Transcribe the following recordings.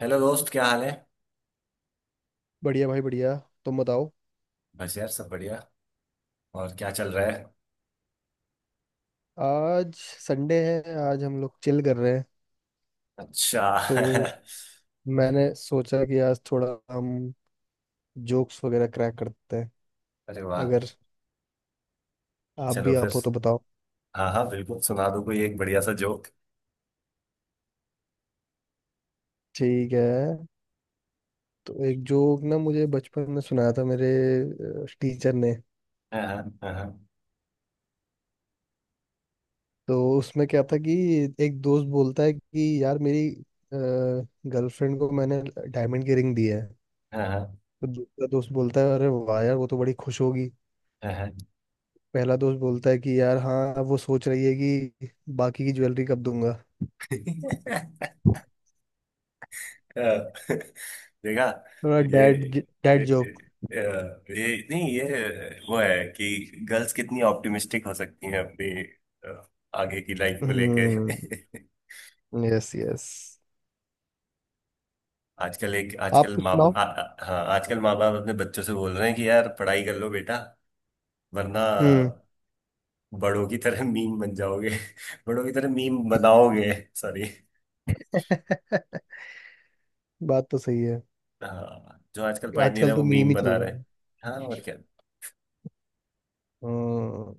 Hello दोस्त, क्या हाल है। बढ़िया भाई बढ़िया। तुम बताओ। बस यार, सब बढ़िया। और क्या चल रहा है। आज संडे है, आज हम लोग चिल कर रहे हैं। अच्छा। तो मैंने सोचा कि आज थोड़ा हम जोक्स वगैरह क्रैक करते हैं। अरे वाह। अगर आप चलो भी फिर। आप हो तो बताओ। हाँ हाँ, बिल्कुल सुना दो कोई एक बढ़िया सा जोक। ठीक है। तो एक जोक ना मुझे बचपन में सुनाया था मेरे टीचर ने। हाँ। हाँ। तो उसमें क्या था कि एक दोस्त बोलता है कि यार मेरी गर्लफ्रेंड को मैंने डायमंड की रिंग दी है। हाँ। हाँ। तो दूसरा दोस्त बोलता है अरे वाह यार वो तो बड़ी खुश होगी। हाँ। हाँ। पहला दोस्त बोलता है कि यार, हाँ अब वो सोच रही है कि बाकी की ज्वेलरी कब दूंगा। अ, देखा। थोड़ा ये डैड डैड अ, जोक। ये नहीं, ये वो है कि गर्ल्स कितनी ऑप्टिमिस्टिक हो सकती हैं अपनी अ, आगे की लाइफ को लेके। हम्म। Yes, yes. आप आजकल कुछ माँ सुनाओ। आ- आ- हाँ आजकल माँ बाप अपने बच्चों से बोल रहे हैं कि यार पढ़ाई कर लो बेटा वरना हम्म। बड़ों की तरह मीम बन जाओगे। बड़ों की तरह मीम बनाओगे। सॉरी। बात तो सही है। हाँ, जो आजकल पढ़ नहीं रहे आजकल तो वो मीम मीम ही बना चल रहा रहे हैं। है। हाँ, और क्या। हम्म।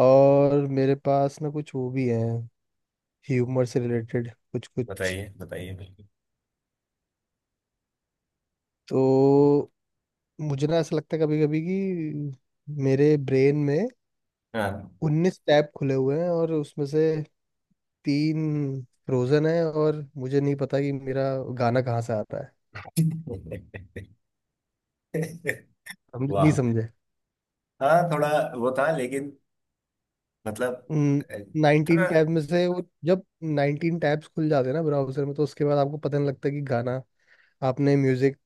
और मेरे पास ना कुछ वो भी है, ह्यूमर से रिलेटेड कुछ कुछ। बताइए बताइए, बिल्कुल। तो मुझे ना ऐसा लगता है कभी कभी कि मेरे ब्रेन में हाँ। 19 टैब खुले हुए हैं और उसमें से तीन फ्रोजन है और मुझे नहीं पता कि मेरा गाना कहाँ से आता है। हम नहीं वाह। समझे। हाँ, थोड़ा वो था, लेकिन मतलब अ, 19 थोड़ा। टैब में से वो जब 19 टैब्स खुल जाते हैं ना ब्राउजर में, तो उसके बाद आपको पता नहीं लगता कि गाना आपने म्यूजिक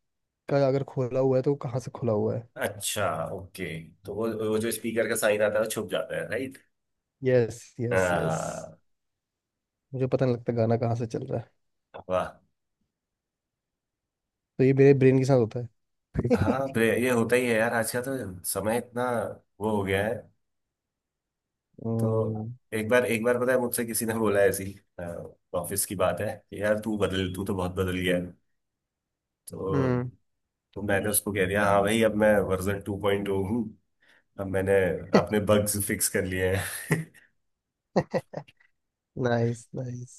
का अगर खोला हुआ है तो वो कहाँ से खुला हुआ है। अच्छा, ओके। तो वो जो स्पीकर का साइन आता है वो छुप जाता है, राइट। Yes, yes, yes. हाँ। मुझे पता नहीं लगता गाना कहाँ से चल रहा है। वाह। तो ये मेरे ब्रेन के साथ होता है। हाँ। तो ये होता ही है यार, आज का तो समय इतना वो हो गया है। तो हम्म। एक बार एक बार, पता है, मुझसे किसी ने बोला, ऐसी ऑफिस की बात है कि यार, तू तो बहुत बदल गया है। तो तो मैंने उसको कह दिया, हाँ भाई अब मैं वर्जन 2.0 हूँ। अब मैंने अपने बग्स फिक्स कर लिए हैं। Nice, nice.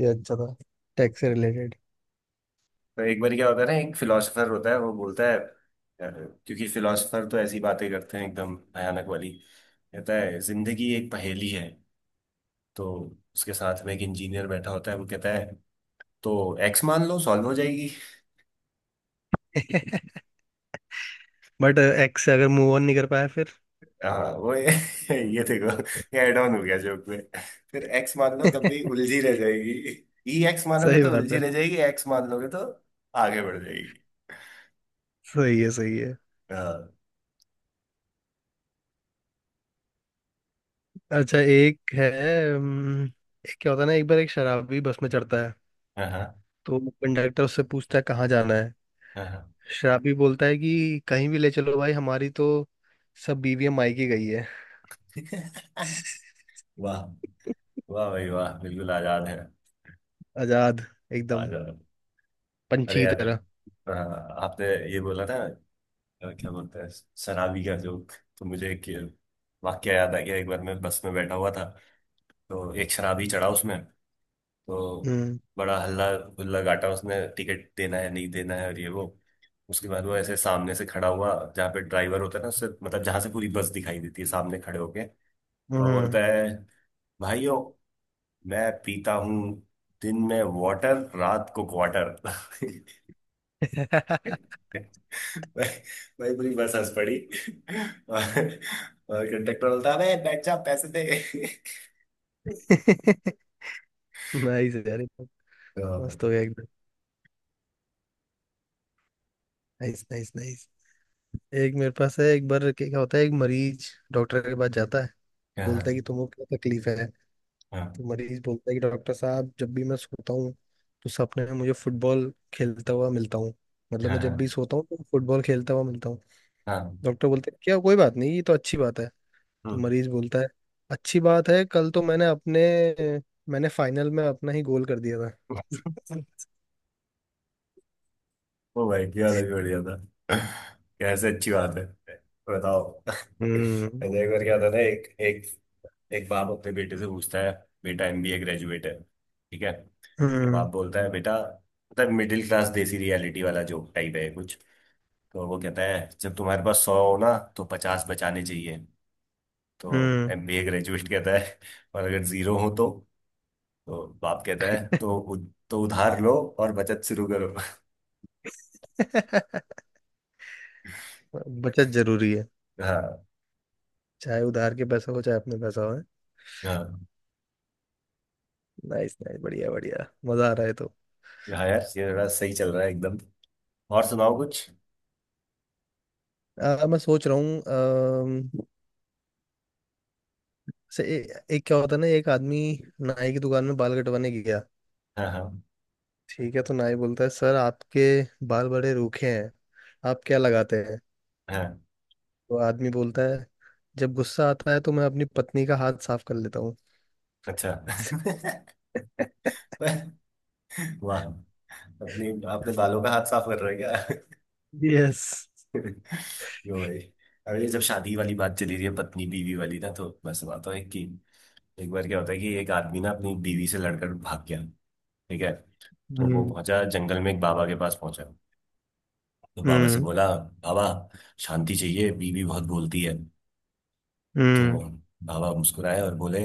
ये अच्छा था, टेक से रिलेटेड। तो एक बार क्या होता है ना, एक फिलोसफर होता है, वो बोलता है, क्योंकि फिलोसफर तो ऐसी बातें करते हैं एकदम भयानक वाली। कहता है, जिंदगी एक पहेली है। तो उसके साथ में एक इंजीनियर बैठा होता है, वो कहता है, तो एक्स मान लो, सॉल्व हो जाएगी। बट एक्स से अगर मूव ऑन नहीं कर पाया फिर। हाँ वो ये ये देखो, ये एड ऑन हो गया जोक में। फिर एक्स मान लो तब भी उलझी रह जाएगी। ई एक्स मानोगे सही तो बात उलझी है। रह जाएगी, एक्स मान लोगे तो आगे बढ़ जाएगी। सही है, सही है। हाँ। अच्छा, एक है। हम्म, एक क्या होता है ना, एक बार एक शराबी बस में चढ़ता है। हाँ। तो कंडक्टर उससे पूछता है कहाँ जाना है। हाँ। हाँ। शराबी बोलता है कि कहीं भी ले चलो भाई, हमारी तो सब बीवियां मायके गई है। वाह, वाह भाई वाह, बिल्कुल आजाद है, आजाद, एकदम आजाद। पंछी अरे की यार। तरह। हाँ, आपने ये बोला था, क्या बोलते हैं, शराबी का जोक। तो मुझे एक वाक्य याद आ गया। एक बार मैं बस में बैठा हुआ था, तो एक शराबी चढ़ा उसमें। तो हम्म। बड़ा हल्ला गुल्ला गाटा, उसने टिकट देना है नहीं देना है और ये वो। उसके बाद वो ऐसे सामने से खड़ा हुआ, जहाँ पे ड्राइवर होता है ना उससे, मतलब जहाँ से पूरी बस दिखाई देती है सामने खड़े होके, और हम्म। बोलता है, भाइयों, मैं पीता हूँ दिन में वाटर, रात को क्वार्टर। भाई, भाई पूरी बस हंस पड़ी। और, और कंडक्टर बोलता है, अबे बैठ जा, पैसे दे। नाइस यार, ये तो तो, मस्त हो गया एकदम। Nice, nice, nice. एक मेरे पास है। एक बार क्या क्या होता है, एक मरीज डॉक्टर के पास जाता है। हाँ। हाँ। बोलता है कि तुमको क्या तकलीफ है। तो हाँ। मरीज बोलता है कि डॉक्टर साहब जब भी मैं सोता हूँ तो सपने में मुझे फुटबॉल खेलता हुआ मिलता हूँ। मतलब हाँ। मैं जब भी हाँ। सोता हूँ तो फुटबॉल खेलता हुआ मिलता हूँ। हाँ। डॉक्टर बोलते हैं क्या कोई बात नहीं, ये तो अच्छी बात है। तो हम्म। मरीज बोलता है अच्छी बात है, कल तो मैंने फाइनल में अपना ही गोल कर दिया था। वो भाई क्या अलग ही बढ़िया था। कैसे अच्छी बात है, तो बताओ। हम्म। ऐसे एक बार क्या होता था ना, एक एक एक बाप अपने बेटे से पूछता है। बेटा एमबीए ग्रेजुएट है, ठीक है। बाप हम्म। बोलता है, बेटा, मतलब मिडिल क्लास देसी रियलिटी वाला जोक टाइप है कुछ। तो वो कहता है, जब तुम्हारे पास 100 हो ना तो 50 बचाने चाहिए। तो हम्म। एमबीए ग्रेजुएट कहता है, और अगर 0 हो तो? तो बाप कहता है, तो उधार लो और बचत शुरू करो। बचत जरूरी है, हाँ चाहे उधार के पैसा हो चाहे अपने पैसा हो। हाँ। नाइस, नाइस, बढ़िया, बढ़िया, मजा आ रहा है तो। हाँ यार, ये थोड़ा सही चल रहा है एकदम। और सुनाओ कुछ। मैं सोच रहा हूँ। एक क्या होता है ना, एक आदमी नाई की दुकान में बाल कटवाने गया। हाँ। हाँ। ठीक है। तो नाई बोलता है सर आपके बाल बड़े रूखे हैं, आप क्या लगाते हैं। हाँ। तो आदमी बोलता है जब गुस्सा आता है तो मैं अपनी पत्नी का हाथ साफ कर लेता हूँ। अच्छा। वाह, अपने अपने बालों का हाथ साफ कर रहे हो। यस। क्या? यो भाई। अरे जब शादी वाली बात चली रही है, पत्नी बीवी वाली ना, तो मैं सुनाता हूँ एक कि, एक बार क्या होता है कि एक आदमी ना अपनी बीवी से लड़कर भाग गया, ठीक है। तो वो हम्म। पहुंचा जंगल में, एक बाबा के पास पहुंचा। तो बाबा से हम्म। बोला, बाबा शांति चाहिए, बीवी बहुत बोलती है। तो हम्म। बाबा मुस्कुराए और बोले,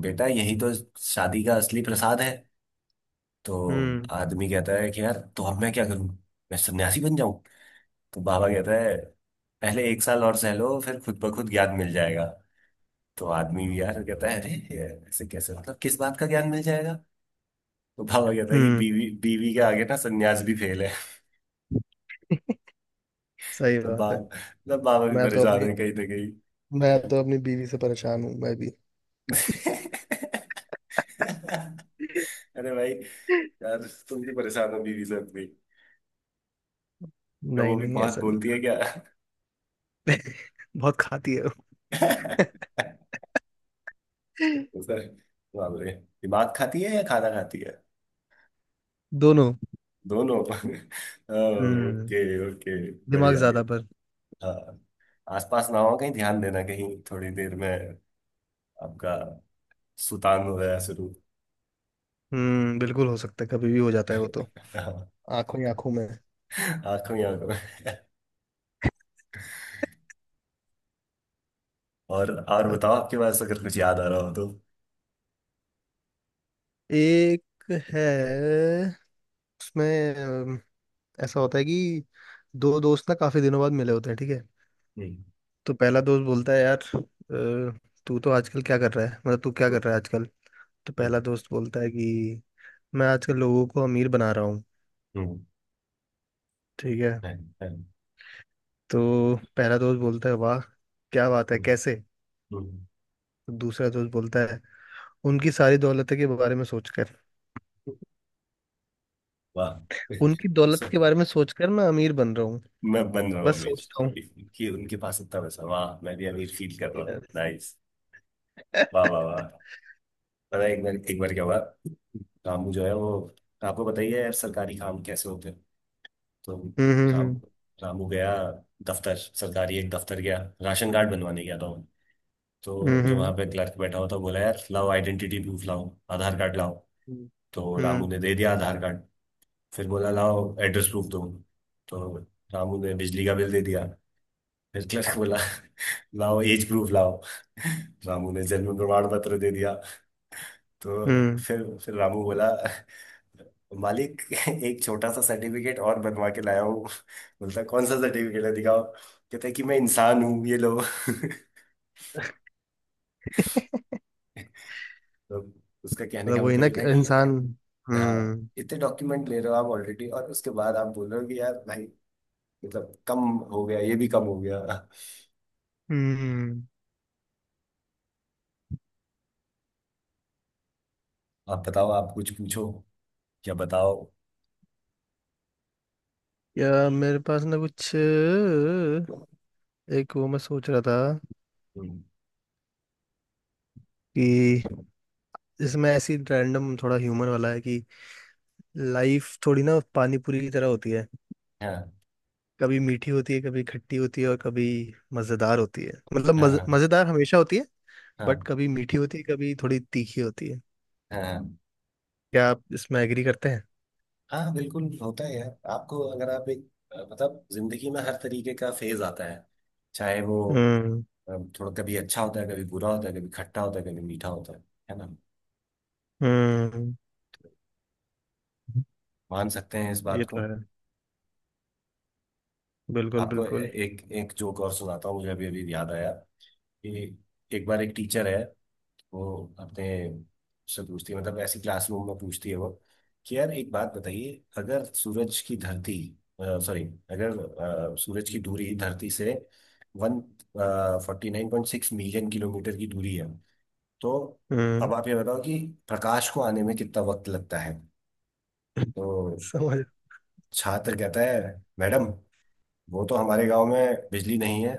बेटा यही तो शादी का असली प्रसाद है। तो हम्म। आदमी कहता है कि यार तो अब मैं क्या करूं, मैं सन्यासी बन जाऊं? तो बाबा कहता है, पहले एक साल और सह लो, फिर खुद ब खुद ज्ञान मिल जाएगा। तो आदमी भी यार कहता है, अरे ये ऐसे कैसे, मतलब किस बात का ज्ञान मिल जाएगा? तो बाबा कहता है कि हम्म। बीवी बीवी के आगे ना सन्यास भी फेल है। सही तो बात बाबा, है। मतलब बाबा भी मैं तो परेशान अपनी है कहीं ना कहीं। मैं तो अपनी बीवी से परेशान हूँ मैं भी। अरे भाई, यार तुम भी परेशान हो बीवी से अपनी। क्या वो नहीं, भी नहीं, बहुत ऐसा नहीं। बोलती है क्या? बहुत खाती है वो। सर, बाप रे, दिमाग खाती है या खाना खाती है? दोनों। दोनों। हम्म। ओके ओके, दिमाग बढ़िया। ज्यादा पर। हाँ, आसपास ना हो कहीं, ध्यान देना कहीं थोड़ी देर में आपका सुतान हो गया शुरू। हम्म। बिल्कुल हो सकता है, कभी भी हो जाता है वो तो। आंखों ही आंखों में। आंखों ही आंखों में। और अ, बताओ, आपके पास अगर कुछ याद आ रहा हो तो। एक है, उसमें ऐसा होता है कि दो दोस्त ना काफी दिनों बाद मिले होते हैं, ठीक है। हम्म। तो पहला दोस्त बोलता है यार, तू तो आजकल क्या कर रहा है, मतलब तू क्या कर रहा है आजकल। तो पहला हम्म। दोस्त बोलता है कि मैं आजकल लोगों को अमीर बना रहा हूँ, हम्म। ठीक है। हम्म। हम्म। तो पहला दोस्त बोलता है वाह क्या बात है, हम्म। कैसे। हम्म। तो दूसरा दोस्त बोलता है उनकी सारी दौलत के बारे में सोचकर, वाह। उनकी दौलत सो के बारे में सोचकर मैं अमीर बन रहा हूँ, मैं बन रहा हूँ बस अमीर, सोचता हूँ। कि कि उनके पास इतना पैसा, वाह, मैं भी अमीर फील कर रहा हूँ, Yes. नाइस। वाह वाह वाह। पता है, एक बार क्या हुआ, रामू जो है वो, आपको बताइए यार सरकारी काम कैसे होते हैं। तो हम्म। राम हम्म। रामू गया दफ्तर, सरकारी एक दफ्तर गया, राशन कार्ड बनवाने गया था वो। हम्म। तो जो वहां हम्म। पे क्लर्क बैठा हुआ था, बोला, यार लाओ, आइडेंटिटी प्रूफ लाओ, आधार कार्ड लाओ। हम्म। तो रामू हम्म, ने दे दिया आधार कार्ड। फिर बोला, लाओ एड्रेस प्रूफ दो। तो रामू ने बिजली का बिल दे दिया। फिर क्लर्क बोला, लाओ एज प्रूफ लाओ। रामू ने जन्म प्रमाण पत्र दे दिया। तो हम्म। फिर रामू बोला, मालिक, एक छोटा सा सर्टिफिकेट और बनवा के लाया हूँ। बोलता, कौन सा सर्टिफिकेट है, दिखाओ। कहता है कि मैं इंसान हूँ, ये लो। तो उसका कहने मतलब का वही मतलब ना ये कि था कि, इंसान। हाँ, हम्म। इतने डॉक्यूमेंट ले रहे हो आप ऑलरेडी, और उसके बाद आप बोल रहे हो कि यार भाई, मतलब कम हो गया ये भी कम हो गया। हम्म। आप बताओ, आप कुछ पूछो। क्या बताओ। या मेरे पास ना कुछ एक वो मैं सोच रहा था हम्म। कि इसमें ऐसी रैंडम थोड़ा ह्यूमन वाला है कि लाइफ थोड़ी ना पानी पूरी की तरह होती है। हाँ। कभी मीठी होती है, कभी खट्टी होती है और कभी मजेदार होती है, मतलब हाँ। हाँ। मजेदार हमेशा होती है। बट हाँ। कभी मीठी होती है, कभी थोड़ी तीखी होती है। हाँ। हाँ। क्या आप इसमें एग्री करते हैं? हाँ बिल्कुल होता है यार, आपको अगर मतलब जिंदगी में हर तरीके का फेज आता है, चाहे वो हम्म। अ, थोड़ा, कभी अच्छा होता है, कभी बुरा होता है, कभी खट्टा होता है, कभी मीठा होता है ना। हम्म। मान सकते हैं इस ये बात तो को। है, बिल्कुल, आपको ए- बिल्कुल। एक एक जोक और सुनाता हूँ, मुझे अभी अभी याद आया कि एक बार एक टीचर है, वो अपने से पूछती है, मतलब ऐसी क्लासरूम में पूछती है वो, कि यार एक बात बताइए, अगर सूरज की धरती सॉरी अगर अ, सूरज की दूरी धरती से 149.6 मिलियन किलोमीटर की दूरी है, तो हम्म। अब आप ये बताओ कि प्रकाश को आने में कितना वक्त लगता है। तो समझ। छात्र कहता है, मैडम वो तो हमारे गांव में बिजली नहीं है,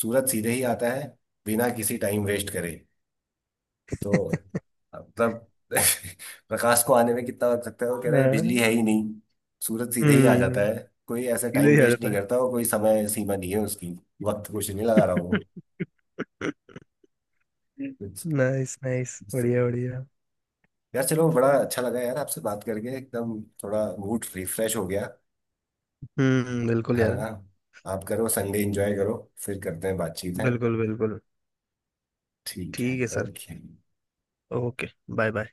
सूरज सीधे ही आता है बिना किसी टाइम वेस्ट करे। तो मतलब प्रकाश को आने में कितना वक्त लगता है, वो कह रहे हैं बिजली हाँ, है ही नहीं, सूरज सीधे ही आ जाता हम्म। है, कोई ऐसे सीधे टाइम ही आ वेस्ट नहीं जाता करता, और कोई समय सीमा नहीं है उसकी, वक्त कुछ नहीं लगा रहा है। वो। It's- नाइस, नाइस, बढ़िया, बढ़िया। यार चलो, बड़ा अच्छा लगा यार आपसे बात करके, एकदम थोड़ा मूड रिफ्रेश हो गया, हम्म, बिल्कुल है यार। ना। आप करो, संडे एंजॉय करो। फिर करते हैं बातचीत, है। बिल्कुल, बिल्कुल। ठीक है, ठीक है sir. Okay. Okay. Bye bye.